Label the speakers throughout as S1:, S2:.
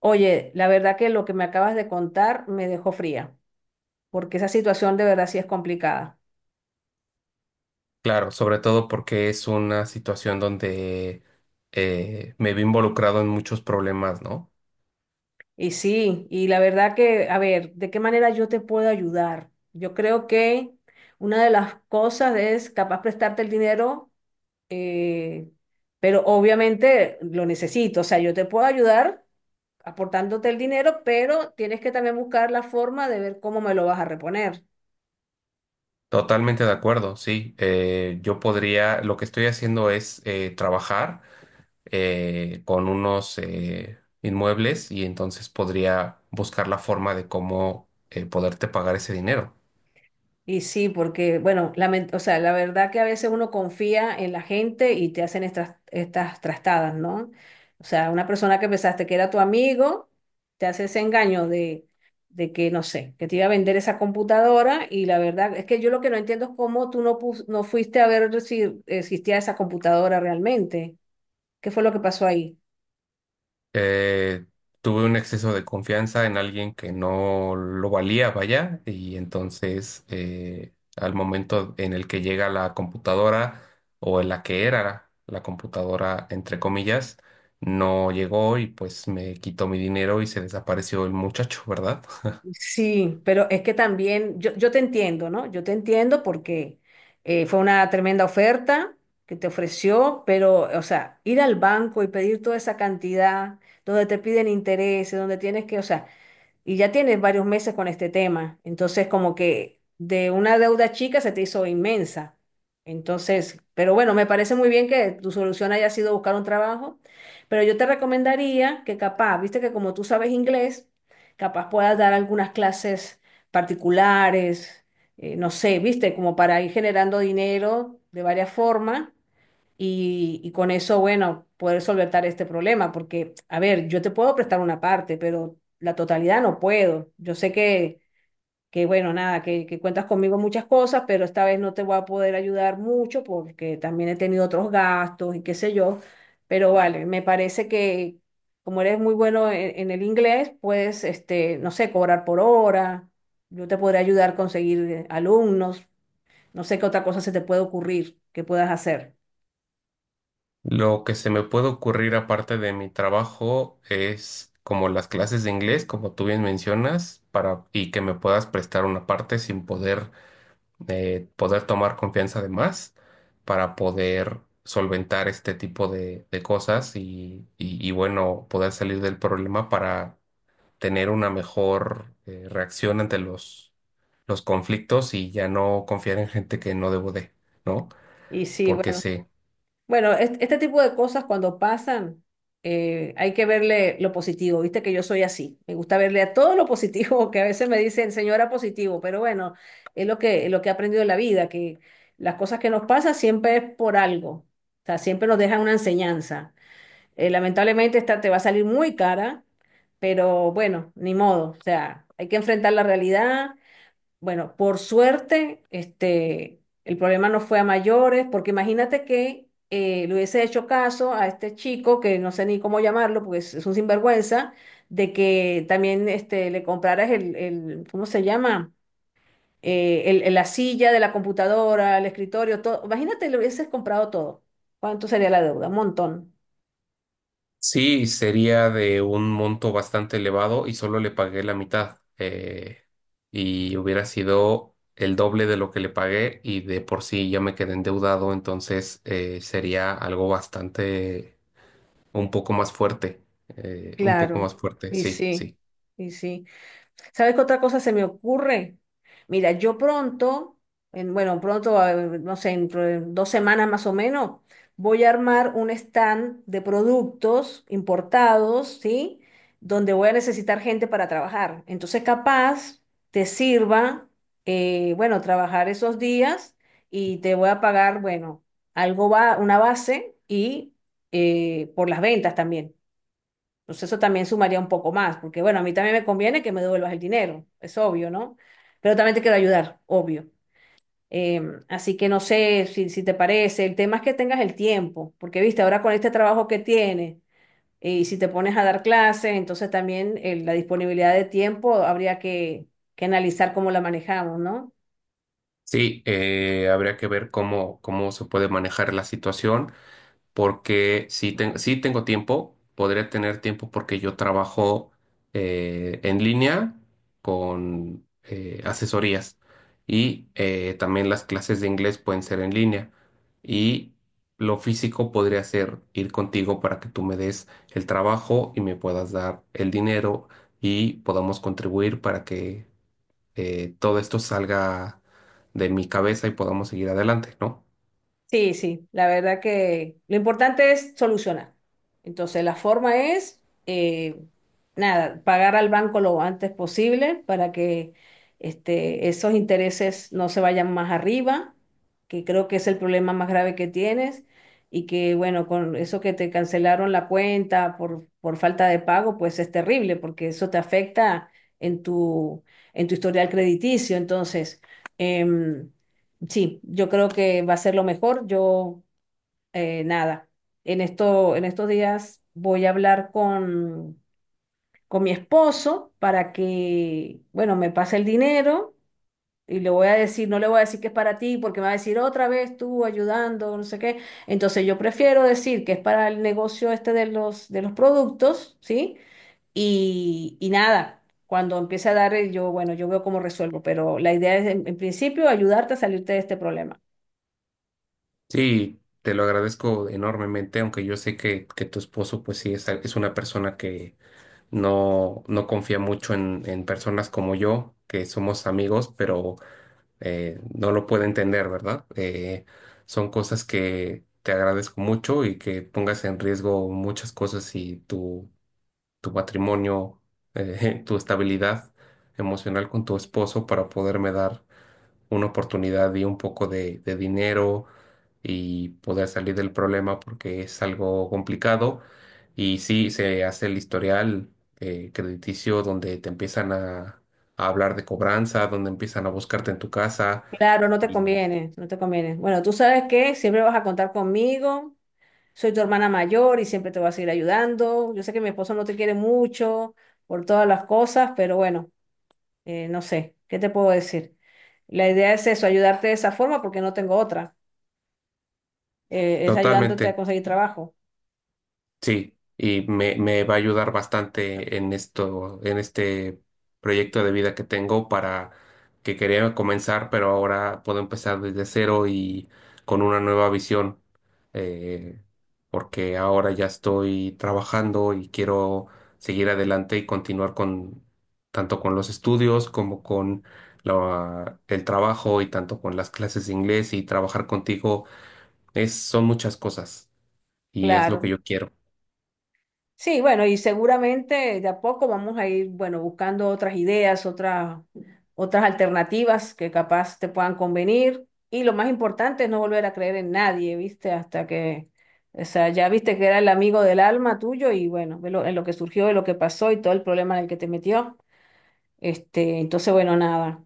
S1: Oye, la verdad que lo que me acabas de contar me dejó fría, porque esa situación de verdad sí es complicada.
S2: Claro, sobre todo porque es una situación donde me vi involucrado en muchos problemas, ¿no?
S1: Y sí, y la verdad que, a ver, ¿de qué manera yo te puedo ayudar? Yo creo que una de las cosas es capaz prestarte el dinero, eh, pero obviamente lo necesito. O sea, yo te puedo ayudar aportándote el dinero, pero tienes que también buscar la forma de ver cómo me lo vas a reponer.
S2: Totalmente de acuerdo, sí. Yo podría, lo que estoy haciendo es trabajar con unos inmuebles, y entonces podría buscar la forma de cómo poderte pagar ese dinero.
S1: Y sí, porque, bueno, o sea, la verdad que a veces uno confía en la gente y te hacen estas trastadas, ¿no? O sea, una persona que pensaste que era tu amigo, te hace ese engaño de que, no sé, que te iba a vender esa computadora y la verdad es que yo lo que no entiendo es cómo tú no, no fuiste a ver si existía esa computadora realmente. ¿Qué fue lo que pasó ahí?
S2: eh, Tuve un exceso de confianza en alguien que no lo valía, vaya, y entonces al momento en el que llega la computadora o en la que era la computadora, entre comillas, no llegó, y pues me quitó mi dinero y se desapareció el muchacho, ¿verdad?
S1: Sí, pero es que también yo te entiendo, ¿no? Yo te entiendo porque fue una tremenda oferta que te ofreció, pero, o sea, ir al banco y pedir toda esa cantidad, donde te piden intereses, donde tienes que, o sea, y ya tienes varios meses con este tema. Entonces, como que de una deuda chica se te hizo inmensa. Entonces, pero bueno, me parece muy bien que tu solución haya sido buscar un trabajo, pero yo te recomendaría que capaz, viste que como tú sabes inglés, capaz puedas dar algunas clases particulares, no sé, viste, como para ir generando dinero de varias formas y con eso, bueno, poder solventar este problema, porque, a ver, yo te puedo prestar una parte, pero la totalidad no puedo. Yo sé que bueno, nada, que cuentas conmigo en muchas cosas, pero esta vez no te voy a poder ayudar mucho porque también he tenido otros gastos y qué sé yo. Pero vale, me parece que como eres muy bueno en el inglés, puedes, este, no sé, cobrar por hora. Yo te podré ayudar a conseguir alumnos. No sé qué otra cosa se te puede ocurrir que puedas hacer.
S2: Lo que se me puede ocurrir aparte de mi trabajo es como las clases de inglés, como tú bien mencionas, para y que me puedas prestar una parte sin poder de poder tomar confianza de más para poder solventar este tipo de cosas y, y, bueno, poder salir del problema para tener una mejor reacción ante los conflictos, y ya no confiar en gente que no debo de, ¿no?
S1: Y sí,
S2: Porque
S1: bueno.
S2: se...
S1: Bueno, este, tipo de cosas cuando pasan, hay que verle lo positivo. Viste que yo soy así. Me gusta verle a todo lo positivo, que a veces me dicen, señora positivo, pero bueno, es lo que he aprendido en la vida, que las cosas que nos pasan siempre es por algo. O sea, siempre nos dejan una enseñanza. Lamentablemente esta te va a salir muy cara, pero bueno, ni modo. O sea, hay que enfrentar la realidad, bueno, por suerte, este, el problema no fue a mayores, porque imagínate que le hubiese hecho caso a este chico, que no sé ni cómo llamarlo, porque es un sinvergüenza, de que también este, le compraras el, ¿cómo se llama? La silla de la computadora, el escritorio, todo. Imagínate, le hubieses comprado todo. ¿Cuánto sería la deuda? Un montón.
S2: Sí, sería de un monto bastante elevado y solo le pagué la mitad. Y hubiera sido el doble de lo que le pagué, y de por sí ya me quedé endeudado, entonces sería algo bastante, un poco más fuerte. Un poco
S1: Claro.
S2: más fuerte,
S1: Y
S2: sí,
S1: sí,
S2: sí.
S1: y sí. ¿Sabes qué otra cosa se me ocurre? Mira, yo pronto, bueno, pronto, no sé, dentro de 2 semanas más o menos, voy a armar un stand de productos importados, ¿sí? Donde voy a necesitar gente para trabajar. Entonces, capaz te sirva, bueno, trabajar esos días y te voy a pagar, bueno, algo va, una base y por las ventas también. Pues eso también sumaría un poco más, porque bueno, a mí también me conviene que me devuelvas el dinero, es obvio, ¿no? Pero también te quiero ayudar, obvio. Eh, Así que no sé si, si te parece, el tema es que tengas el tiempo, porque viste, ahora con este trabajo que tienes, y si te pones a dar clases, entonces también la disponibilidad de tiempo habría que analizar cómo la manejamos, ¿no?
S2: Sí, habría que ver cómo, cómo se puede manejar la situación. Porque si, si tengo tiempo, podré tener tiempo, porque yo trabajo en línea con asesorías, y también las clases de inglés pueden ser en línea, y lo físico podría ser ir contigo para que tú me des el trabajo y me puedas dar el dinero y podamos contribuir para que todo esto salga de mi cabeza y podamos seguir adelante, ¿no?
S1: Sí, sí, la verdad que lo importante es solucionar. Entonces, la forma es, eh, nada, pagar al banco lo antes posible para que este, esos intereses no se vayan más arriba, que creo que es el problema más grave que tienes, y que, bueno, con eso que te cancelaron la cuenta por falta de pago, pues es terrible, porque eso te afecta en tu, en tu historial crediticio. Entonces, em, sí, yo creo que va a ser lo mejor. Yo, nada, en esto, en estos días voy a hablar con mi esposo para que, bueno, me pase el dinero y le voy a decir, no le voy a decir que es para ti porque me va a decir otra vez tú ayudando, no sé qué. Entonces yo prefiero decir que es para el negocio este de los productos, ¿sí? Y nada, cuando empiece a dar, yo, bueno, yo veo cómo resuelvo, pero la idea es en principio ayudarte a salirte de este problema.
S2: Sí, te lo agradezco enormemente, aunque yo sé que tu esposo, pues sí, es una persona que no, no confía mucho en personas como yo, que somos amigos, pero no lo puede entender, ¿verdad? Son cosas que te agradezco mucho, y que pongas en riesgo muchas cosas y tu matrimonio, tu estabilidad emocional con tu esposo para poderme dar una oportunidad y un poco de dinero y poder salir del problema, porque es algo complicado. Y sí, se hace el historial crediticio, donde te empiezan a hablar de cobranza, donde empiezan a buscarte en tu casa.
S1: Claro, no te
S2: Y
S1: conviene, no te conviene. Bueno, tú sabes que siempre vas a contar conmigo, soy tu hermana mayor y siempre te voy a seguir ayudando. Yo sé que mi esposo no te quiere mucho por todas las cosas, pero bueno, no sé, ¿qué te puedo decir? La idea es eso, ayudarte de esa forma porque no tengo otra, es ayudándote a
S2: totalmente,
S1: conseguir trabajo.
S2: sí, y me va a ayudar bastante en esto, en este proyecto de vida que tengo para que quería comenzar, pero ahora puedo empezar desde cero y con una nueva visión, eh, porque ahora ya estoy trabajando y quiero seguir adelante y continuar con, tanto con los estudios como con el trabajo, y tanto con las clases de inglés y trabajar contigo, es, son muchas cosas, y es lo que
S1: Claro.
S2: yo quiero.
S1: Sí, bueno, y seguramente de a poco vamos a ir, bueno, buscando otras ideas, otras, otras alternativas que capaz te puedan convenir. Y lo más importante es no volver a creer en nadie, ¿viste? Hasta que, o sea, ya viste que era el amigo del alma tuyo y bueno, en lo que surgió, de lo que pasó y todo el problema en el que te metió. Este, entonces, bueno, nada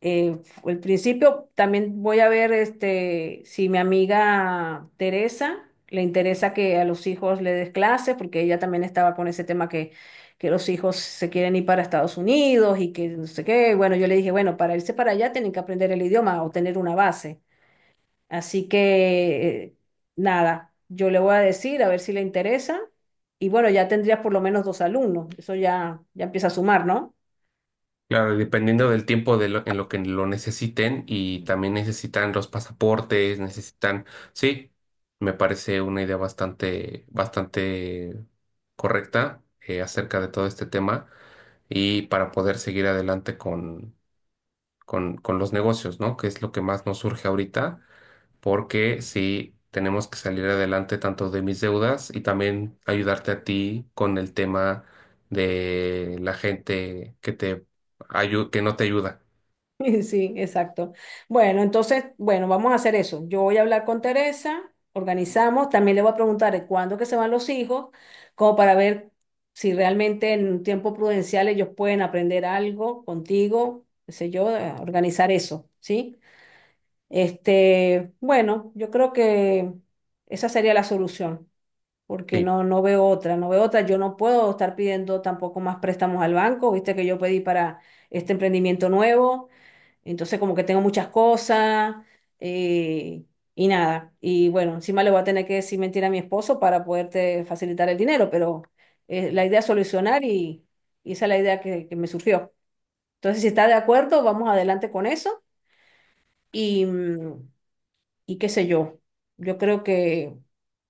S1: eh, al principio también voy a ver este, si mi amiga Teresa le interesa que a los hijos le des clases, porque ella también estaba con ese tema que los hijos se quieren ir para Estados Unidos y que no sé qué. Bueno, yo le dije, bueno, para irse para allá tienen que aprender el idioma o tener una base. Así que, nada, yo le voy a decir a ver si le interesa. Y bueno, ya tendrías por lo menos 2 alumnos. Eso ya, ya empieza a sumar, ¿no?
S2: Claro, dependiendo del tiempo de en lo que lo necesiten, y también necesitan los pasaportes, necesitan, sí, me parece una idea bastante, bastante correcta acerca de todo este tema, y para poder seguir adelante con los negocios, ¿no? Que es lo que más nos surge ahorita, porque sí tenemos que salir adelante tanto de mis deudas, y también ayudarte a ti con el tema de la gente que te que no te ayuda.
S1: Sí, exacto. Bueno, entonces, bueno, vamos a hacer eso. Yo voy a hablar con Teresa, organizamos, también le voy a preguntar de cuándo que se van los hijos, como para ver si realmente en un tiempo prudencial ellos pueden aprender algo contigo, qué sé yo, organizar eso, ¿sí? Este, bueno, yo creo que esa sería la solución, porque
S2: Sí,
S1: no, no veo otra, no veo otra. Yo no puedo estar pidiendo tampoco más préstamos al banco, viste que yo pedí para este emprendimiento nuevo entonces como que tengo muchas cosas eh, y nada. Y bueno, encima le voy a tener que decir mentira a mi esposo para poderte facilitar el dinero, pero la idea es solucionar y esa es la idea que me surgió. Entonces, si está de acuerdo, vamos adelante con eso y, mm, y qué sé yo. Yo creo que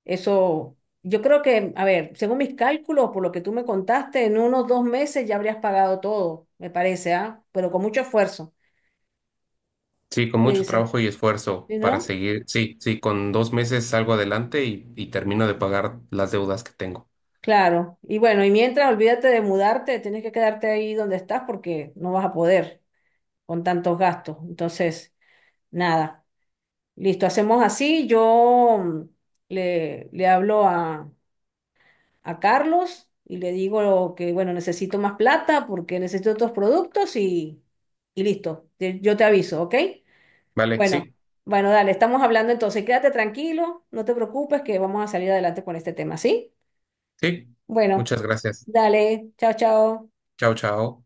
S1: eso, yo creo que, a ver, según mis cálculos, por lo que tú me contaste, en unos 2 meses ya habrías pagado todo, me parece, ¿ah? Pero con mucho esfuerzo.
S2: sí, con
S1: ¿Qué
S2: mucho
S1: dices?
S2: trabajo y esfuerzo
S1: ¿Sí,
S2: para
S1: no?
S2: seguir. Sí, sí, con 2 meses salgo adelante y termino de pagar las deudas que tengo.
S1: Claro, y bueno, y mientras olvídate de mudarte, tienes que quedarte ahí donde estás porque no vas a poder con tantos gastos. Entonces, nada, listo, hacemos así. Yo mm, le hablo a Carlos y le digo que, bueno, necesito más plata porque necesito otros productos y listo, yo te aviso, ¿ok?
S2: Vale,
S1: Bueno,
S2: sí,
S1: bueno, dale, estamos hablando entonces, quédate tranquilo, no te preocupes que vamos a salir adelante con este tema, ¿sí?
S2: sí.
S1: Bueno,
S2: Muchas gracias.
S1: dale, chao, chao.
S2: Chao, chao.